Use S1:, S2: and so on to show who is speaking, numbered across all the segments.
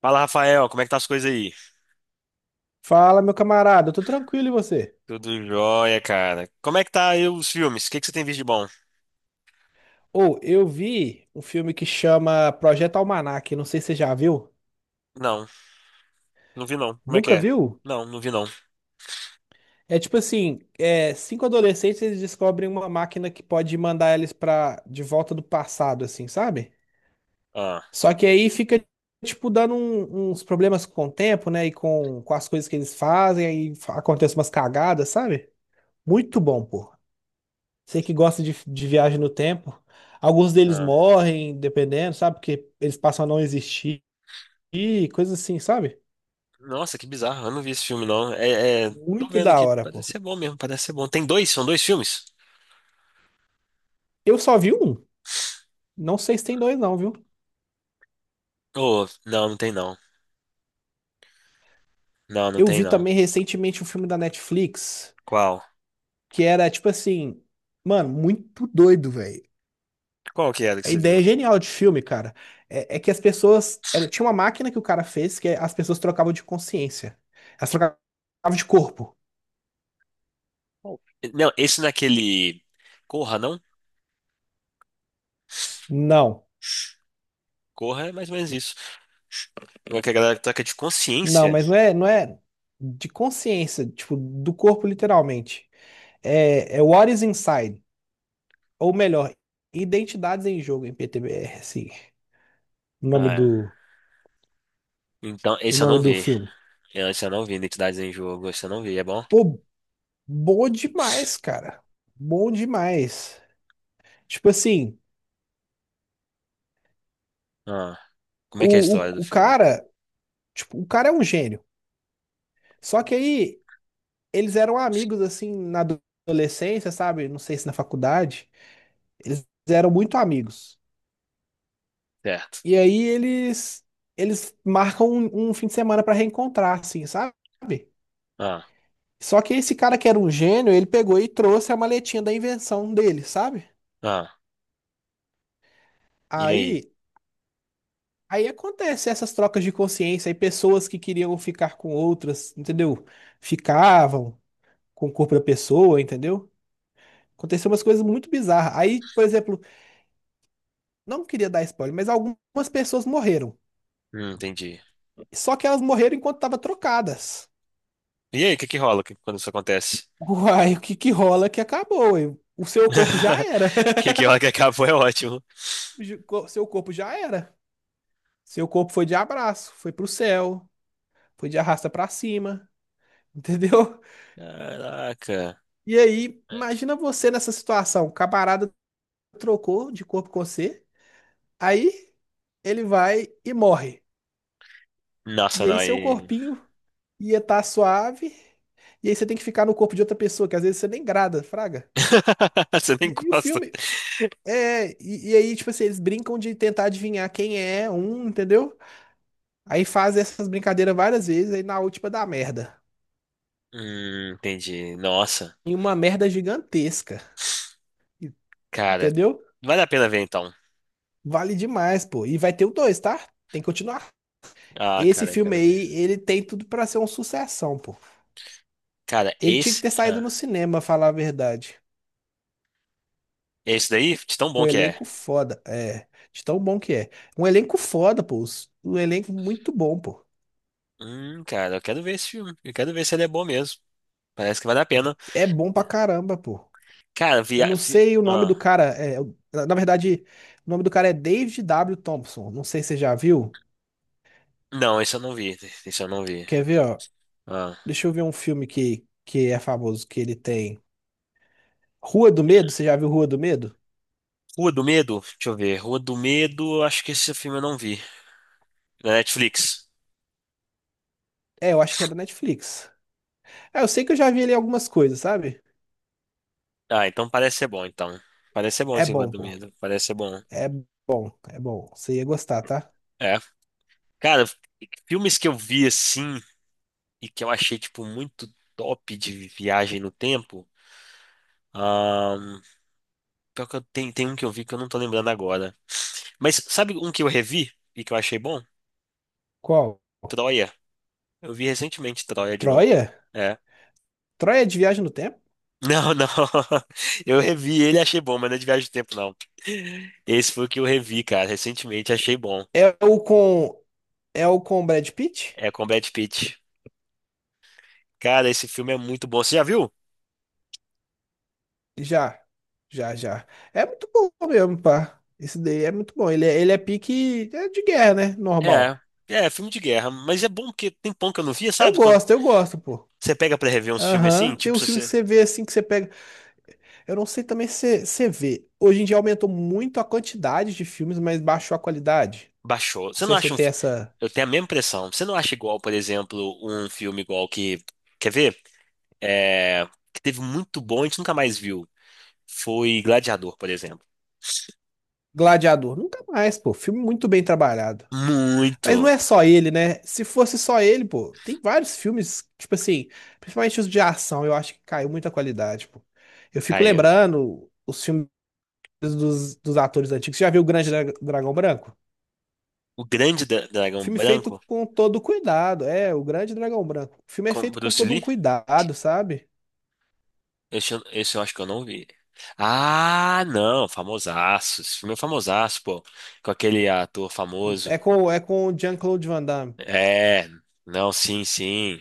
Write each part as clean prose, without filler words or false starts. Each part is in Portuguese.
S1: Fala, Rafael, como é que tá as coisas aí?
S2: Fala, meu camarada, eu tô tranquilo e você?
S1: Tudo jóia, cara. Como é que tá aí os filmes? O que que você tem visto de bom?
S2: Ou Eu vi um filme que chama Projeto Almanac, não sei se você já viu.
S1: Não, não vi não. Como é que
S2: Nunca
S1: é?
S2: viu?
S1: Não, não vi não.
S2: É tipo assim, cinco adolescentes eles descobrem uma máquina que pode mandar eles para de volta do passado, assim, sabe?
S1: Ah,
S2: Só que aí fica tipo dando uns problemas com o tempo, né? E com as coisas que eles fazem, aí acontecem umas cagadas, sabe? Muito bom, pô. Você que gosta de viagem no tempo, alguns deles
S1: ah.
S2: morrem, dependendo, sabe? Porque eles passam a não existir, e coisas assim, sabe?
S1: Nossa, que bizarro. Eu não vi esse filme não. Tô
S2: Muito
S1: vendo
S2: da
S1: aqui,
S2: hora, pô.
S1: parece ser bom mesmo, parece ser bom. Tem dois? São dois filmes?
S2: Eu só vi um. Não sei se tem dois, não, viu?
S1: Oh, não, não tem não. Não, não
S2: Eu
S1: tem
S2: vi
S1: não.
S2: também recentemente um filme da Netflix,
S1: Qual?
S2: que era tipo assim, mano, muito doido, velho.
S1: Qual que era que
S2: A
S1: você
S2: ideia
S1: viu?
S2: é genial de filme, cara. É, é que as pessoas. Ela, tinha uma máquina que o cara fez que é, as pessoas trocavam de consciência. Elas trocavam de corpo.
S1: Qual? Não, esse naquele Corra, não?
S2: Não.
S1: Corra é mais ou menos isso. Como é que a galera toca de
S2: Não,
S1: consciência?
S2: mas não é de consciência, tipo, do corpo literalmente. É, é What is Inside, ou melhor, Identidades em Jogo em PTBR, assim, o nome
S1: Ah,
S2: do,
S1: então,
S2: o
S1: esse eu
S2: nome
S1: não
S2: do
S1: vi.
S2: filme.
S1: Eu, esse eu não vi Identidades em Jogo, esse eu não vi, é bom?
S2: Pô, bom demais, cara. Bom demais. Tipo assim,
S1: Ah, como é que é a
S2: o, o,
S1: história do
S2: o
S1: filme?
S2: cara, o cara é um gênio. Só que aí eles eram amigos assim na adolescência, sabe? Não sei se na faculdade, eles eram muito amigos.
S1: Certo.
S2: E aí eles marcam um fim de semana pra reencontrar, assim, sabe?
S1: Ah,
S2: Só que esse cara que era um gênio, ele pegou e trouxe a maletinha da invenção dele, sabe?
S1: ah, e aí?
S2: Aí aí acontece essas trocas de consciência, aí pessoas que queriam ficar com outras, entendeu? Ficavam com o corpo da pessoa, entendeu? Aconteceu umas coisas muito bizarras. Aí, por exemplo, não queria dar spoiler, mas algumas pessoas morreram.
S1: Entendi.
S2: Só que elas morreram enquanto estavam trocadas.
S1: E aí, o que que rola quando isso acontece?
S2: Uai, o que que rola que acabou? Ué? O seu corpo já era.
S1: O que que rola que acabou é ótimo.
S2: Seu corpo já era. Seu corpo foi de abraço, foi pro céu, foi de arrasta pra cima, entendeu?
S1: Caraca.
S2: E aí, imagina você nessa situação. O camarada trocou de corpo com você, aí ele vai e morre.
S1: Nossa,
S2: E
S1: não,
S2: aí seu
S1: aí...
S2: corpinho ia estar suave, e aí você tem que ficar no corpo de outra pessoa, que às vezes você nem grada, fraga.
S1: Você nem
S2: E aí o
S1: gosta.
S2: filme. Tipo assim, eles brincam de tentar adivinhar quem é um, entendeu? Aí faz essas brincadeiras várias vezes, aí na última dá merda.
S1: Entendi. Nossa,
S2: E uma merda gigantesca.
S1: cara,
S2: Entendeu?
S1: vale a pena ver então.
S2: Vale demais, pô. E vai ter o dois, tá? Tem que continuar.
S1: Ah,
S2: Esse
S1: cara, eu
S2: filme
S1: quero ver.
S2: aí, ele tem tudo pra ser uma sucessão, pô.
S1: Cara,
S2: Ele tinha que
S1: esse,
S2: ter saído
S1: ah,
S2: no cinema, falar a verdade.
S1: esse daí, de tão bom
S2: O
S1: que é.
S2: elenco foda, é. De tão bom que é. Um elenco foda, pô. Um elenco muito bom, pô.
S1: Cara, eu quero ver esse filme. Eu quero ver se ele é bom mesmo. Parece que vale a pena.
S2: É bom pra caramba, pô.
S1: Cara,
S2: Eu não sei o nome do
S1: Ah,
S2: cara. É, na verdade, o nome do cara é David W. Thompson. Não sei se você já viu.
S1: não, esse eu não vi. Esse eu não vi.
S2: Quer ver, ó?
S1: Ah.
S2: Deixa eu ver um filme que é famoso, que ele tem. Rua do Medo, você já viu Rua do Medo?
S1: Rua do Medo? Deixa eu ver. Rua do Medo, acho que esse filme eu não vi. Na Netflix.
S2: É, eu acho que é da Netflix. É, eu sei que eu já vi ali algumas coisas, sabe?
S1: Ah, então parece ser bom, então. Parece ser bom
S2: É
S1: esse Rua
S2: bom,
S1: do
S2: pô.
S1: Medo. Parece ser bom.
S2: É é bom. Você ia gostar, tá?
S1: É. Cara, filmes que eu vi assim e que eu achei, tipo, muito top de viagem no tempo. ahn, pior que eu tenho, tem um que eu vi que eu não tô lembrando agora. Mas sabe um que eu revi e que eu achei bom?
S2: Qual?
S1: Troia. Eu vi recentemente Troia de novo.
S2: Troia?
S1: É.
S2: Troia é de Viagem no Tempo?
S1: Não, não. Eu revi ele e achei bom, mas não é de viagem do tempo, não. Esse foi o que eu revi, cara, recentemente, achei bom.
S2: É o com. É o com Brad Pitt?
S1: É com Brad Pitt. Cara, esse filme é muito bom. Você já viu?
S2: Já, já. É muito bom mesmo, pá. Esse daí é muito bom. Ele é pique é de guerra, né?
S1: É.
S2: Normal.
S1: É, filme de guerra, mas é bom porque tem pão que eu não via, sabe? Quando
S2: Eu gosto, pô.
S1: você pega pra rever uns filmes assim,
S2: Aham. Tem
S1: tipo,
S2: uns
S1: se
S2: filmes que
S1: você
S2: você vê assim, que você pega. Eu não sei também se você vê. Hoje em dia aumentou muito a quantidade de filmes, mas baixou a qualidade.
S1: baixou.
S2: Não
S1: Você
S2: sei
S1: não
S2: se você
S1: acha um.
S2: tem essa.
S1: Eu tenho a mesma impressão. Você não acha igual, por exemplo, um filme igual que. Quer ver? É... Que teve muito bom, a gente nunca mais viu. Foi Gladiador, por exemplo.
S2: Gladiador. Nunca mais, pô. Filme muito bem trabalhado. Mas não
S1: Muito,
S2: é só ele, né? Se fosse só ele, pô, tem vários filmes, tipo assim, principalmente os de ação, eu acho que caiu muita qualidade, pô. Eu fico
S1: Caio.
S2: lembrando os filmes dos atores antigos. Você já viu o Grande Dragão Branco?
S1: O grande dragão
S2: Filme feito
S1: branco
S2: com todo cuidado, é, o Grande Dragão Branco. O filme é
S1: com
S2: feito com
S1: Bruce
S2: todo um
S1: Lee?
S2: cuidado, sabe?
S1: Esse, esse eu acho que eu não vi. Ah, não, famosaço. Esse filme é famosaço, pô. Com aquele ator famoso.
S2: É com o Jean-Claude Van Damme.
S1: É, não, sim, sim.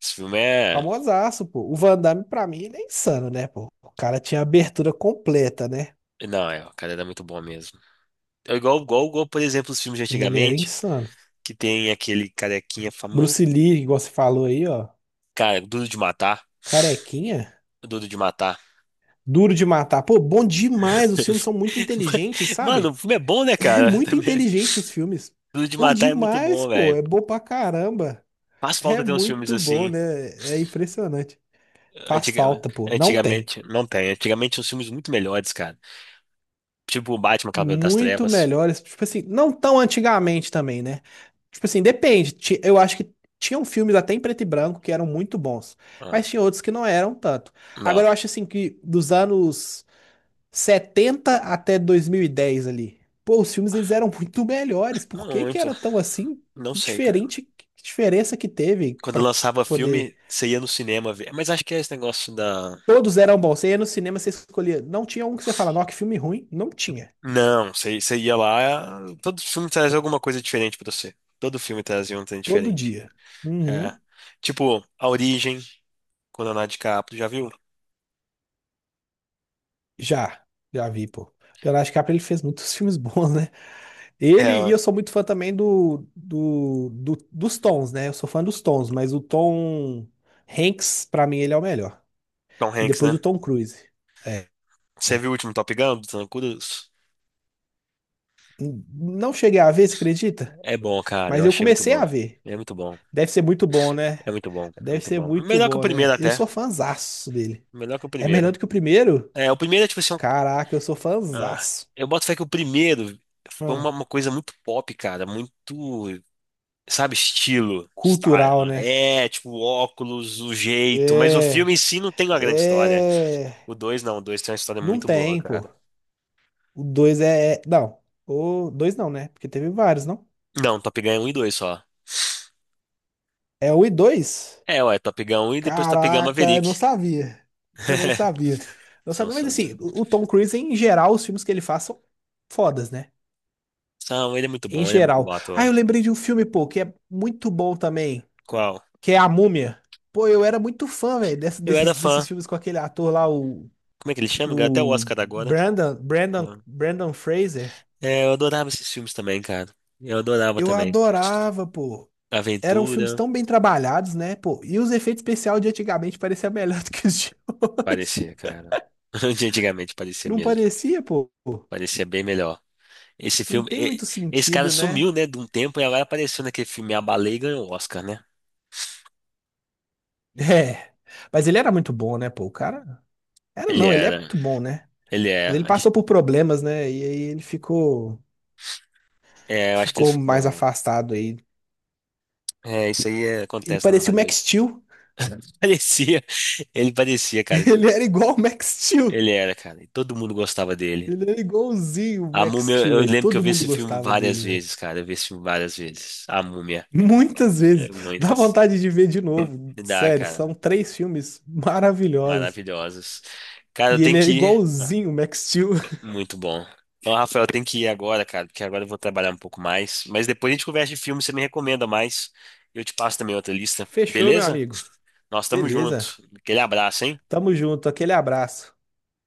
S1: Esse filme é.
S2: Famosaço, pô. O Van Damme, pra mim, ele é insano, né, pô? O cara tinha a abertura completa, né?
S1: Não, é, o cara era muito bom mesmo. É igual, igual, igual, por exemplo, os filmes de
S2: Ele era
S1: antigamente,
S2: insano.
S1: que tem aquele carequinha
S2: Bruce
S1: famoso.
S2: Lee, igual você falou aí, ó.
S1: Cara, Duro de Matar.
S2: Carequinha?
S1: Duro de Matar.
S2: Duro de matar. Pô, bom demais. Os filmes são muito inteligentes,
S1: Mano, o
S2: sabe?
S1: filme é bom, né,
S2: É
S1: cara?
S2: muito
S1: Também.
S2: inteligente os filmes.
S1: Duro de
S2: Bom
S1: Matar é muito
S2: demais,
S1: bom,
S2: pô.
S1: velho.
S2: É bom pra caramba.
S1: Faz falta
S2: É
S1: ter uns filmes
S2: muito bom,
S1: assim,
S2: né? É impressionante. Faz falta, pô. Não tem.
S1: antigamente. Não tem. Antigamente tinha uns filmes muito melhores, cara. Tipo o Batman, Cavaleiro das
S2: Muito
S1: Trevas.
S2: melhores. Tipo assim, não tão antigamente também, né? Tipo assim, depende. Ti- Eu acho que tinham filmes até em preto e branco que eram muito bons,
S1: Ah,
S2: mas tinha outros que não eram tanto.
S1: não,
S2: Agora eu acho assim que dos anos 70 até 2010 ali. Pô, os filmes eles eram muito melhores.
S1: não
S2: Por que que
S1: muito.
S2: era tão assim?
S1: Não
S2: Que
S1: sei, cara.
S2: diferente, que diferença que teve
S1: Quando eu
S2: pra
S1: lançava
S2: poder.
S1: filme, você ia no cinema ver. Mas acho que é esse negócio da.
S2: Todos eram bons. Você ia no cinema, você escolhia. Não tinha um que você fala, não, que filme ruim. Não tinha.
S1: Não, você ia lá. Todo filme trazia alguma coisa diferente pra você. Todo filme trazia um trem
S2: Todo
S1: diferente.
S2: dia.
S1: É.
S2: Uhum.
S1: Tipo, A Origem, com Leonardo DiCaprio, já viu?
S2: Já. Já vi, pô. Leonardo DiCaprio, ele fez muitos filmes bons, né? Ele, e
S1: É,
S2: eu sou muito fã também dos Tons, né? Eu sou fã dos Tons, mas o Tom Hanks, pra mim, ele é o melhor.
S1: Tom
S2: E
S1: Hanks,
S2: depois
S1: né?
S2: o Tom Cruise. É.
S1: Você viu o último Top Gun do Tom Cruise?
S2: Não cheguei a ver, você acredita?
S1: É bom, cara. Eu
S2: Mas eu
S1: achei muito
S2: comecei a
S1: bom.
S2: ver.
S1: É muito bom.
S2: Deve ser muito bom, né?
S1: É muito bom. É
S2: Deve
S1: muito
S2: ser
S1: bom.
S2: muito
S1: Melhor que o
S2: bom, né?
S1: primeiro
S2: Eu
S1: até.
S2: sou fãzaço dele.
S1: Melhor que o
S2: É melhor
S1: primeiro.
S2: do que o primeiro?
S1: É, o primeiro é tipo assim.
S2: Caraca, eu sou
S1: ah,
S2: fãzaço.
S1: eu boto fé que o primeiro foi
S2: Hum.
S1: uma coisa muito pop, cara. Muito, sabe, estilo. Style.
S2: Cultural, né?
S1: Né? É, tipo, óculos, o jeito. Mas o
S2: É.
S1: filme em si não tem uma grande história.
S2: É.
S1: O dois não. O dois tem uma história
S2: Não
S1: muito boa,
S2: tem, pô.
S1: cara.
S2: O 2 é. É, Não. O 2 não, né? Porque teve vários, não?
S1: Não, Top Gun é um e 2 só.
S2: É o e 2.
S1: É, ué, Top Gun um e depois Top Gun
S2: Caraca, eu não
S1: Maverick.
S2: sabia. Eu não sabia. Não
S1: São
S2: sabia, mas
S1: só
S2: assim,
S1: dois.
S2: o Tom Cruise, em geral, os filmes que ele faz são fodas, né?
S1: São, ele é muito
S2: Em
S1: bom, ele é muito
S2: geral.
S1: bom
S2: Ah, eu
S1: ator.
S2: lembrei de um filme, pô, que é muito bom também,
S1: Qual?
S2: que é A Múmia. Pô, eu era muito fã, velho,
S1: Eu era fã.
S2: desses filmes com aquele ator lá,
S1: Como é que ele chama? Ganhou até o
S2: o
S1: Oscar agora.
S2: Brandon Fraser.
S1: É, eu adorava esses filmes também, cara. Eu adorava
S2: Eu
S1: também.
S2: adorava, pô. Eram filmes
S1: Aventura,
S2: tão bem trabalhados, né, pô? E os efeitos especiais de antigamente pareciam melhor do que os de
S1: parecia,
S2: hoje.
S1: cara. De Antigamente parecia
S2: Não
S1: mesmo.
S2: parecia, pô?
S1: Parecia bem melhor. Esse
S2: Não
S1: filme,
S2: tem
S1: e-
S2: muito
S1: Esse cara
S2: sentido,
S1: sumiu,
S2: né?
S1: né, de um tempo e agora apareceu naquele filme A Baleia e ganhou o Oscar, né?
S2: É. Mas ele era muito bom, né, pô? O cara. Era
S1: Ele
S2: não, ele é
S1: era,
S2: muito bom, né?
S1: ele é.
S2: Mas ele
S1: Acho-
S2: passou por problemas, né? E aí ele ficou.
S1: É, eu acho que ele
S2: Ficou mais
S1: ficou.
S2: afastado aí.
S1: É, isso aí é-
S2: Ele
S1: acontece no
S2: parecia o Max
S1: Hollywood.
S2: Steel.
S1: Parecia, ele parecia, cara.
S2: Ele era igual o Max Steel.
S1: Ele era, cara. E todo mundo gostava dele.
S2: Ele era igualzinho o
S1: A
S2: Max
S1: Múmia,
S2: Steel,
S1: eu
S2: velho.
S1: lembro que eu
S2: Todo
S1: vi
S2: mundo
S1: esse filme
S2: gostava
S1: várias
S2: dele, velho.
S1: vezes, cara. Eu vi esse filme várias vezes. A Múmia.
S2: Muitas vezes.
S1: É,
S2: Dá
S1: muitas.
S2: vontade de ver de novo.
S1: Me dá,
S2: Sério,
S1: cara.
S2: são três filmes maravilhosos.
S1: Maravilhosas. Cara, eu
S2: E ele
S1: tenho
S2: era
S1: que ir. Ah,
S2: igualzinho o Max Steel.
S1: muito bom. Então, Rafael, eu tenho que ir agora, cara, porque agora eu vou trabalhar um pouco mais. Mas depois a gente conversa de filme, você me recomenda mais. Eu te passo também outra lista.
S2: Fechou, meu
S1: Beleza?
S2: amigo.
S1: Nós estamos
S2: Beleza.
S1: juntos. Aquele abraço, hein?
S2: Tamo junto, aquele abraço.